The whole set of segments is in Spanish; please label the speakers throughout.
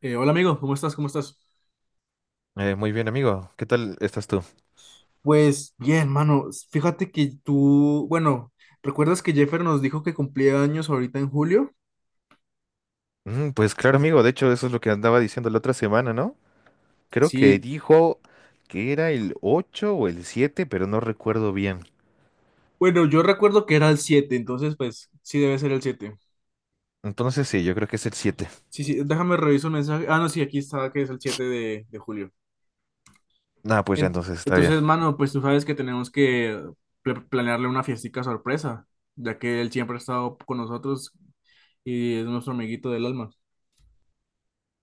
Speaker 1: Hola amigo, ¿cómo estás? ¿Cómo estás?
Speaker 2: Muy bien, amigo. ¿Qué tal estás tú?
Speaker 1: Pues bien, mano, fíjate que tú, bueno, ¿recuerdas que Jeffer nos dijo que cumplía años ahorita en julio?
Speaker 2: Pues claro, amigo. De hecho, eso es lo que andaba diciendo la otra semana, ¿no? Creo que
Speaker 1: Sí,
Speaker 2: dijo que era el 8 o el 7, pero no recuerdo bien.
Speaker 1: bueno, yo recuerdo que era el 7, entonces pues sí debe ser el 7.
Speaker 2: Entonces sí, yo creo que es el siete.
Speaker 1: Sí, sí, déjame revisar un mensaje. Ah, no, sí, aquí está que es el 7 de julio.
Speaker 2: Ah, pues ya entonces está bien.
Speaker 1: Entonces, mano, pues tú sabes que tenemos que planearle una fiestica sorpresa, ya que él siempre ha estado con nosotros y es nuestro amiguito del alma.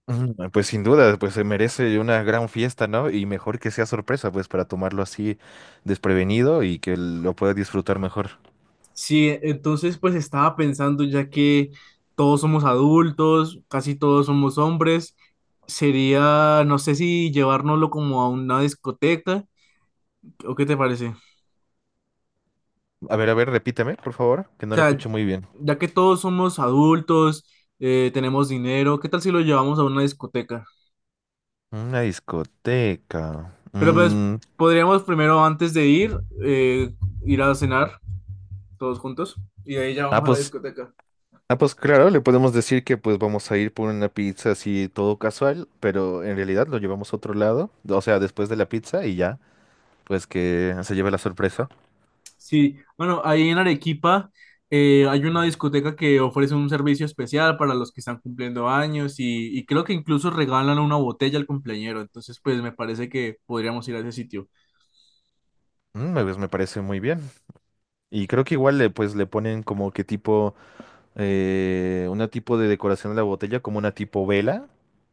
Speaker 2: Mm. Pues sin duda, pues se merece una gran fiesta, ¿no? Y mejor que sea sorpresa, pues para tomarlo así desprevenido y que lo pueda disfrutar mejor.
Speaker 1: Sí, entonces pues estaba pensando, ya que todos somos adultos, casi todos somos hombres, sería, no sé si llevárnoslo como a una discoteca, ¿o qué te parece? O
Speaker 2: A ver, repíteme, por favor, que no lo
Speaker 1: sea,
Speaker 2: escucho muy bien.
Speaker 1: ya que todos somos adultos, tenemos dinero, ¿qué tal si lo llevamos a una discoteca?
Speaker 2: Una discoteca.
Speaker 1: Pero pues podríamos primero antes de ir, eh, ir a cenar todos juntos y de ahí ya
Speaker 2: Ah,
Speaker 1: vamos a la
Speaker 2: pues
Speaker 1: discoteca.
Speaker 2: Ah, pues claro, le podemos decir que pues vamos a ir por una pizza así todo casual, pero en realidad lo llevamos a otro lado, o sea, después de la pizza y ya, pues que se lleve la sorpresa.
Speaker 1: Sí, bueno, ahí en Arequipa hay una discoteca que ofrece un servicio especial para los que están cumpliendo años y creo que incluso regalan una botella al cumpleañero, entonces pues me parece que podríamos ir a ese sitio.
Speaker 2: Mm, pues me parece muy bien. Y creo que igual le pues le ponen como que tipo, una tipo de decoración a la botella, como una tipo vela.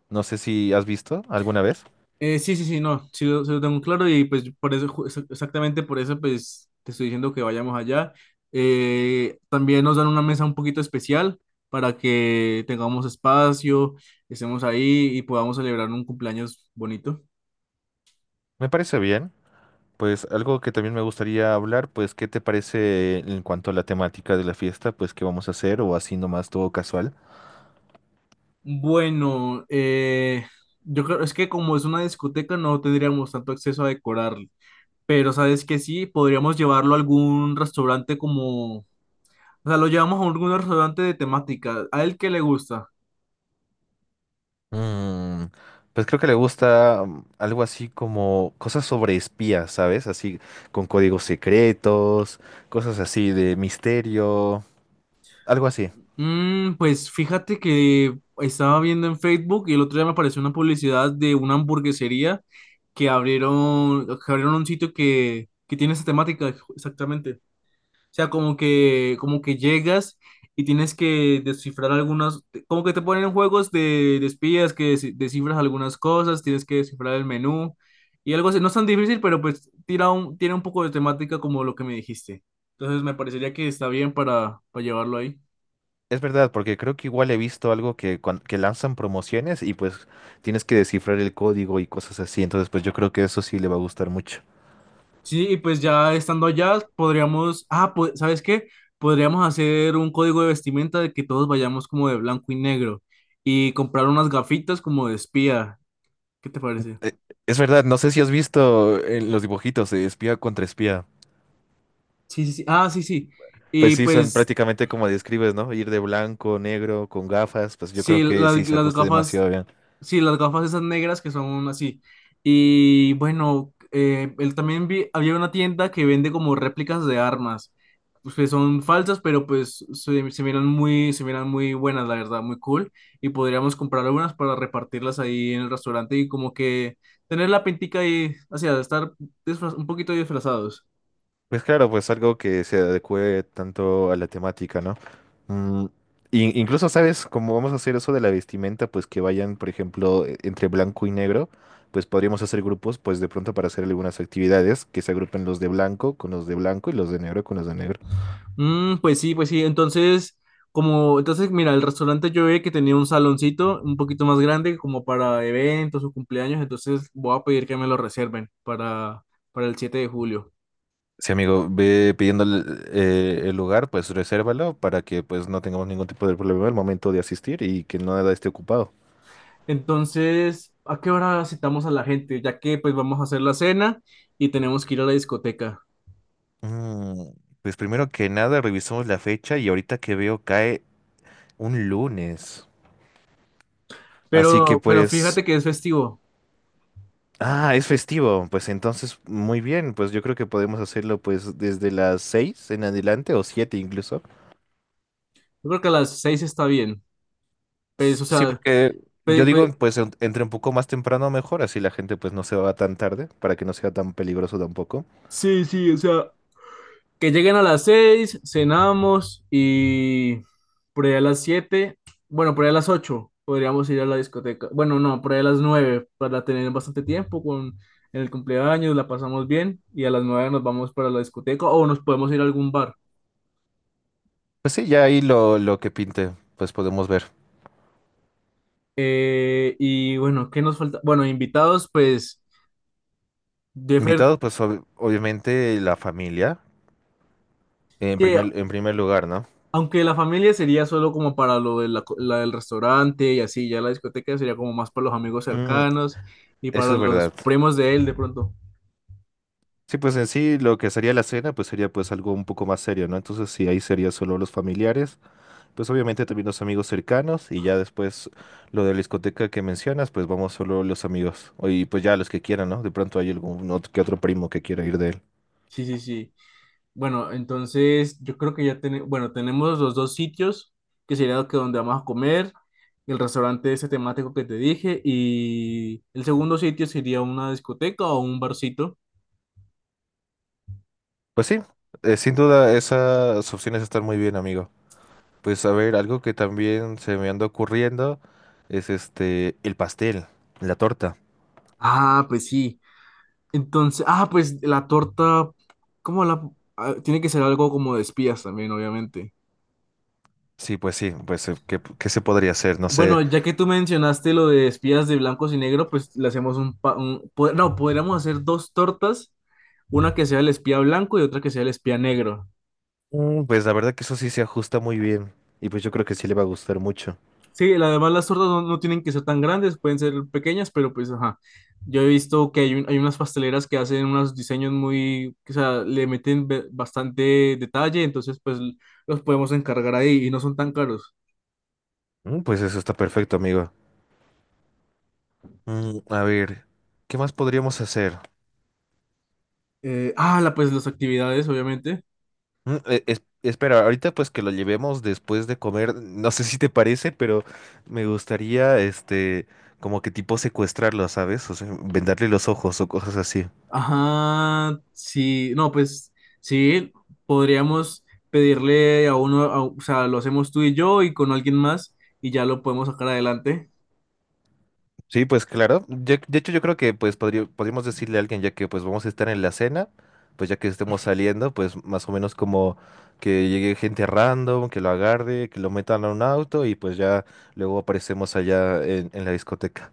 Speaker 2: No sé si has visto alguna vez.
Speaker 1: Sí, sí, sí, no, sí lo tengo claro y pues por eso, exactamente por eso pues te estoy diciendo que vayamos allá. También nos dan una mesa un poquito especial para que tengamos espacio, estemos ahí y podamos celebrar un cumpleaños bonito.
Speaker 2: Me parece bien. Pues algo que también me gustaría hablar, pues ¿qué te parece en cuanto a la temática de la fiesta? Pues qué vamos a hacer o así nomás todo casual.
Speaker 1: Bueno, yo creo, es que como es una discoteca no tendríamos tanto acceso a decorarlo, pero sabes que sí, podríamos llevarlo a algún restaurante como, o sea, lo llevamos a algún restaurante de temática, a él que le gusta.
Speaker 2: Mm, pues creo que le gusta algo así como cosas sobre espías, ¿sabes? Así con códigos secretos, cosas así de misterio, algo así.
Speaker 1: Pues fíjate que estaba viendo en Facebook y el otro día me apareció una publicidad de una hamburguesería que abrieron un sitio que tiene esa temática, exactamente. O sea, como que llegas y tienes que descifrar algunas, como que te ponen en juegos de espías que descifras algunas cosas, tienes que descifrar el menú y algo así. No es tan difícil, pero pues tiene un poco de temática como lo que me dijiste. Entonces me parecería que está bien para, llevarlo ahí.
Speaker 2: Es verdad, porque creo que igual he visto algo que, que lanzan promociones y pues tienes que descifrar el código y cosas así, entonces pues yo creo que eso sí le va a gustar mucho.
Speaker 1: Sí, y pues ya estando allá, podríamos, pues, ¿sabes qué? Podríamos hacer un código de vestimenta de que todos vayamos como de blanco y negro y comprar unas gafitas como de espía. ¿Qué te parece?
Speaker 2: Eh, Es verdad, no sé si has visto los dibujitos de espía contra espía.
Speaker 1: Sí, sí, sí. Ah, sí, sí.
Speaker 2: Pues
Speaker 1: Y
Speaker 2: sí, son
Speaker 1: pues,
Speaker 2: prácticamente como describes, ¿no? Ir de blanco, negro, con gafas, pues yo
Speaker 1: sí,
Speaker 2: creo que
Speaker 1: las,
Speaker 2: sí, se
Speaker 1: las
Speaker 2: ajusta
Speaker 1: gafas,
Speaker 2: demasiado bien.
Speaker 1: sí, las gafas esas negras que son así. Y bueno, él también había una tienda que vende como réplicas de armas. Pues que son falsas, pero pues se miran muy buenas, la verdad, muy cool. Y podríamos comprar algunas para repartirlas ahí en el restaurante y como que tener la pintica ahí, o sea, estar disfraz un poquito disfrazados.
Speaker 2: Pues claro, pues algo que se adecue tanto a la temática, ¿no? Mm, incluso, ¿sabes? Como vamos a hacer eso de la vestimenta, pues que vayan, por ejemplo, entre blanco y negro, pues podríamos hacer grupos, pues de pronto para hacer algunas actividades, que se agrupen los de blanco con los de blanco y los de negro con los de negro.
Speaker 1: Pues sí, pues sí. Entonces, mira, el restaurante yo vi que tenía un saloncito un poquito más grande como para eventos o cumpleaños, entonces voy a pedir que me lo reserven para el 7 de julio.
Speaker 2: Sí, amigo, ve pidiendo el lugar, pues resérvalo para que pues no tengamos ningún tipo de problema al momento de asistir y que nada esté ocupado.
Speaker 1: Entonces, ¿a qué hora citamos a la gente? Ya que pues vamos a hacer la cena y tenemos que ir a la discoteca.
Speaker 2: Mm, pues primero que nada revisamos la fecha y ahorita que veo cae un lunes. Así que
Speaker 1: Pero
Speaker 2: pues,
Speaker 1: fíjate que es festivo.
Speaker 2: ah, es festivo. Pues entonces, muy bien, pues yo creo que podemos hacerlo pues desde las seis en adelante o siete incluso.
Speaker 1: Yo creo que a las 6 está bien. Pues, o
Speaker 2: Sí,
Speaker 1: sea,
Speaker 2: porque yo
Speaker 1: pe-
Speaker 2: digo,
Speaker 1: pe-
Speaker 2: pues entre un poco más temprano mejor, así la gente pues no se va tan tarde, para que no sea tan peligroso tampoco.
Speaker 1: sí, sí, o sea, que lleguen a las 6 cenamos y por ahí a las 7 bueno, por ahí a las 8 podríamos ir a la discoteca. Bueno, no, por ahí a las 9 para tener bastante tiempo con en el cumpleaños, la pasamos bien y a las 9 nos vamos para la discoteca o nos podemos ir a algún bar.
Speaker 2: Pues sí, ya ahí lo que pinte, pues podemos ver.
Speaker 1: Y bueno, ¿qué nos falta? Bueno, invitados, pues Jeffer,
Speaker 2: Invitados, pues obviamente la familia,
Speaker 1: que
Speaker 2: en primer lugar, ¿no?
Speaker 1: aunque la familia sería solo como para lo de la del restaurante y así, ya la discoteca sería como más para los amigos
Speaker 2: Mm,
Speaker 1: cercanos y para
Speaker 2: eso es
Speaker 1: los
Speaker 2: verdad.
Speaker 1: primos de él de pronto.
Speaker 2: Sí, pues en sí lo que sería la cena, pues sería pues algo un poco más serio, ¿no? Entonces sí, ahí sería solo los familiares, pues obviamente también los amigos cercanos y ya después lo de la discoteca que mencionas, pues vamos solo los amigos y pues ya los que quieran, ¿no? De pronto hay algún otro, que otro primo que quiera ir de él.
Speaker 1: Sí, sí, sí. Bueno, entonces yo creo que ya tenemos, bueno, tenemos los dos sitios, que sería lo que donde vamos a comer, el restaurante ese temático que te dije y el segundo sitio sería una discoteca o un barcito.
Speaker 2: Pues sí, sin duda esas opciones están muy bien, amigo. Pues a ver, algo que también se me anda ocurriendo es este, el pastel, la torta.
Speaker 1: Ah, pues sí. Entonces, pues la torta, ¿cómo la? Tiene que ser algo como de espías también, obviamente.
Speaker 2: Sí, pues ¿qué, qué se podría hacer? No sé.
Speaker 1: Bueno, ya que tú mencionaste lo de espías de blancos y negro, pues le hacemos un, pa- un po- no, podríamos hacer dos tortas, una que sea el espía blanco y otra que sea el espía negro.
Speaker 2: Mm. Pues la verdad que eso sí se ajusta muy bien. Y pues yo creo que sí le va a gustar mucho.
Speaker 1: Sí, además las tortas no tienen que ser tan grandes, pueden ser pequeñas, pero pues ajá. Yo he visto que hay unas pasteleras que hacen unos diseños muy, o sea, le meten bastante detalle, entonces pues los podemos encargar ahí y no son tan caros.
Speaker 2: Mm. Pues eso está perfecto, amigo. Mm, a ver, ¿qué más podríamos hacer?
Speaker 1: Pues las actividades, obviamente.
Speaker 2: Mm, espera, ahorita pues que lo llevemos después de comer, no sé si te parece, pero me gustaría, este, como que tipo secuestrarlo, ¿sabes? O sea, vendarle los ojos o cosas así.
Speaker 1: Ajá, sí, no, pues sí, podríamos pedirle a uno, o sea, lo hacemos tú y yo y con alguien más y ya lo podemos sacar adelante.
Speaker 2: Sí, pues claro. De hecho, yo creo que pues podríamos decirle a alguien, ya que pues vamos a estar en la cena, pues ya que estemos saliendo, pues más o menos como que llegue gente random, que lo agarre, que lo metan a un auto y pues ya luego aparecemos allá en la discoteca.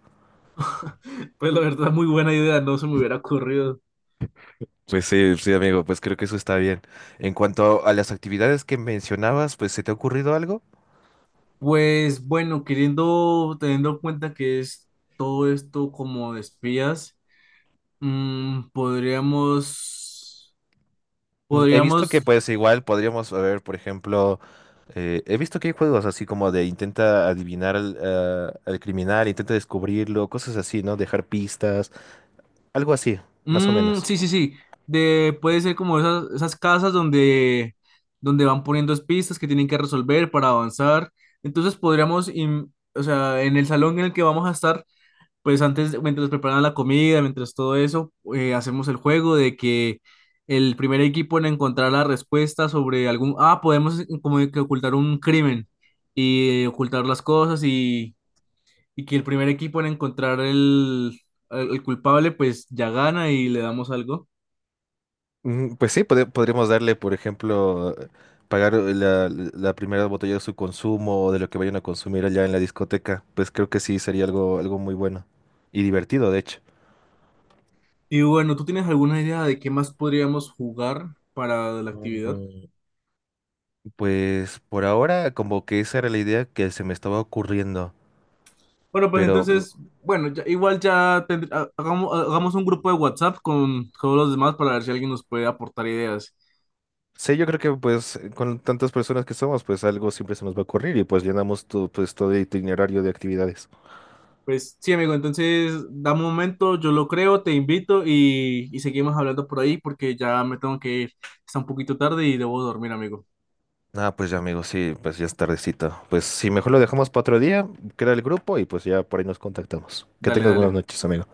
Speaker 1: Pues la verdad, muy buena idea, no se me hubiera ocurrido.
Speaker 2: Pues sí, sí, amigo, pues creo que eso está bien. En cuanto a las actividades que mencionabas, pues ¿se te ha ocurrido algo?
Speaker 1: Pues bueno, teniendo en cuenta que es todo esto como de espías, mm, podríamos,
Speaker 2: Mm. He visto que
Speaker 1: podríamos.
Speaker 2: pues igual podríamos ver, por ejemplo, he visto que hay juegos así como de intenta adivinar al criminal, intenta descubrirlo, cosas así, ¿no? Dejar pistas, algo así, más o
Speaker 1: Mm,
Speaker 2: menos.
Speaker 1: sí, sí, sí. Puede ser como esas casas donde van poniendo pistas que tienen que resolver para avanzar. Entonces podríamos, o sea, en el salón en el que vamos a estar, pues antes, mientras preparan la comida, mientras todo eso, hacemos el juego de que el primer equipo en encontrar la respuesta sobre algún, podemos como que ocultar un crimen y ocultar las cosas y que el primer equipo en encontrar el culpable, pues ya gana y le damos algo.
Speaker 2: Mm. Pues sí, podríamos darle, por ejemplo, pagar la, la primera botella de su consumo o de lo que vayan a consumir allá en la discoteca. Pues creo que sí sería algo, algo muy bueno y divertido, de hecho.
Speaker 1: Y bueno, ¿tú tienes alguna idea de qué más podríamos jugar para la actividad?
Speaker 2: Mm. Pues por ahora como que esa era la idea que se me estaba ocurriendo,
Speaker 1: Bueno, pues
Speaker 2: pero
Speaker 1: entonces, bueno, igual ya hagamos un grupo de WhatsApp con todos los demás para ver si alguien nos puede aportar ideas.
Speaker 2: sí, yo creo que pues con tantas personas que somos, pues algo siempre se nos va a ocurrir y pues llenamos todo, pues, todo el itinerario de actividades.
Speaker 1: Pues sí, amigo, entonces da un momento, yo lo creo, te invito y seguimos hablando por ahí porque ya me tengo que ir. Está un poquito tarde y debo dormir, amigo.
Speaker 2: Ah, pues ya amigos, sí, pues ya es tardecito. Pues sí, mejor lo dejamos para otro día, crea el grupo y pues ya por ahí nos contactamos. Que
Speaker 1: Dale,
Speaker 2: tengas buenas
Speaker 1: dale.
Speaker 2: noches, amigo.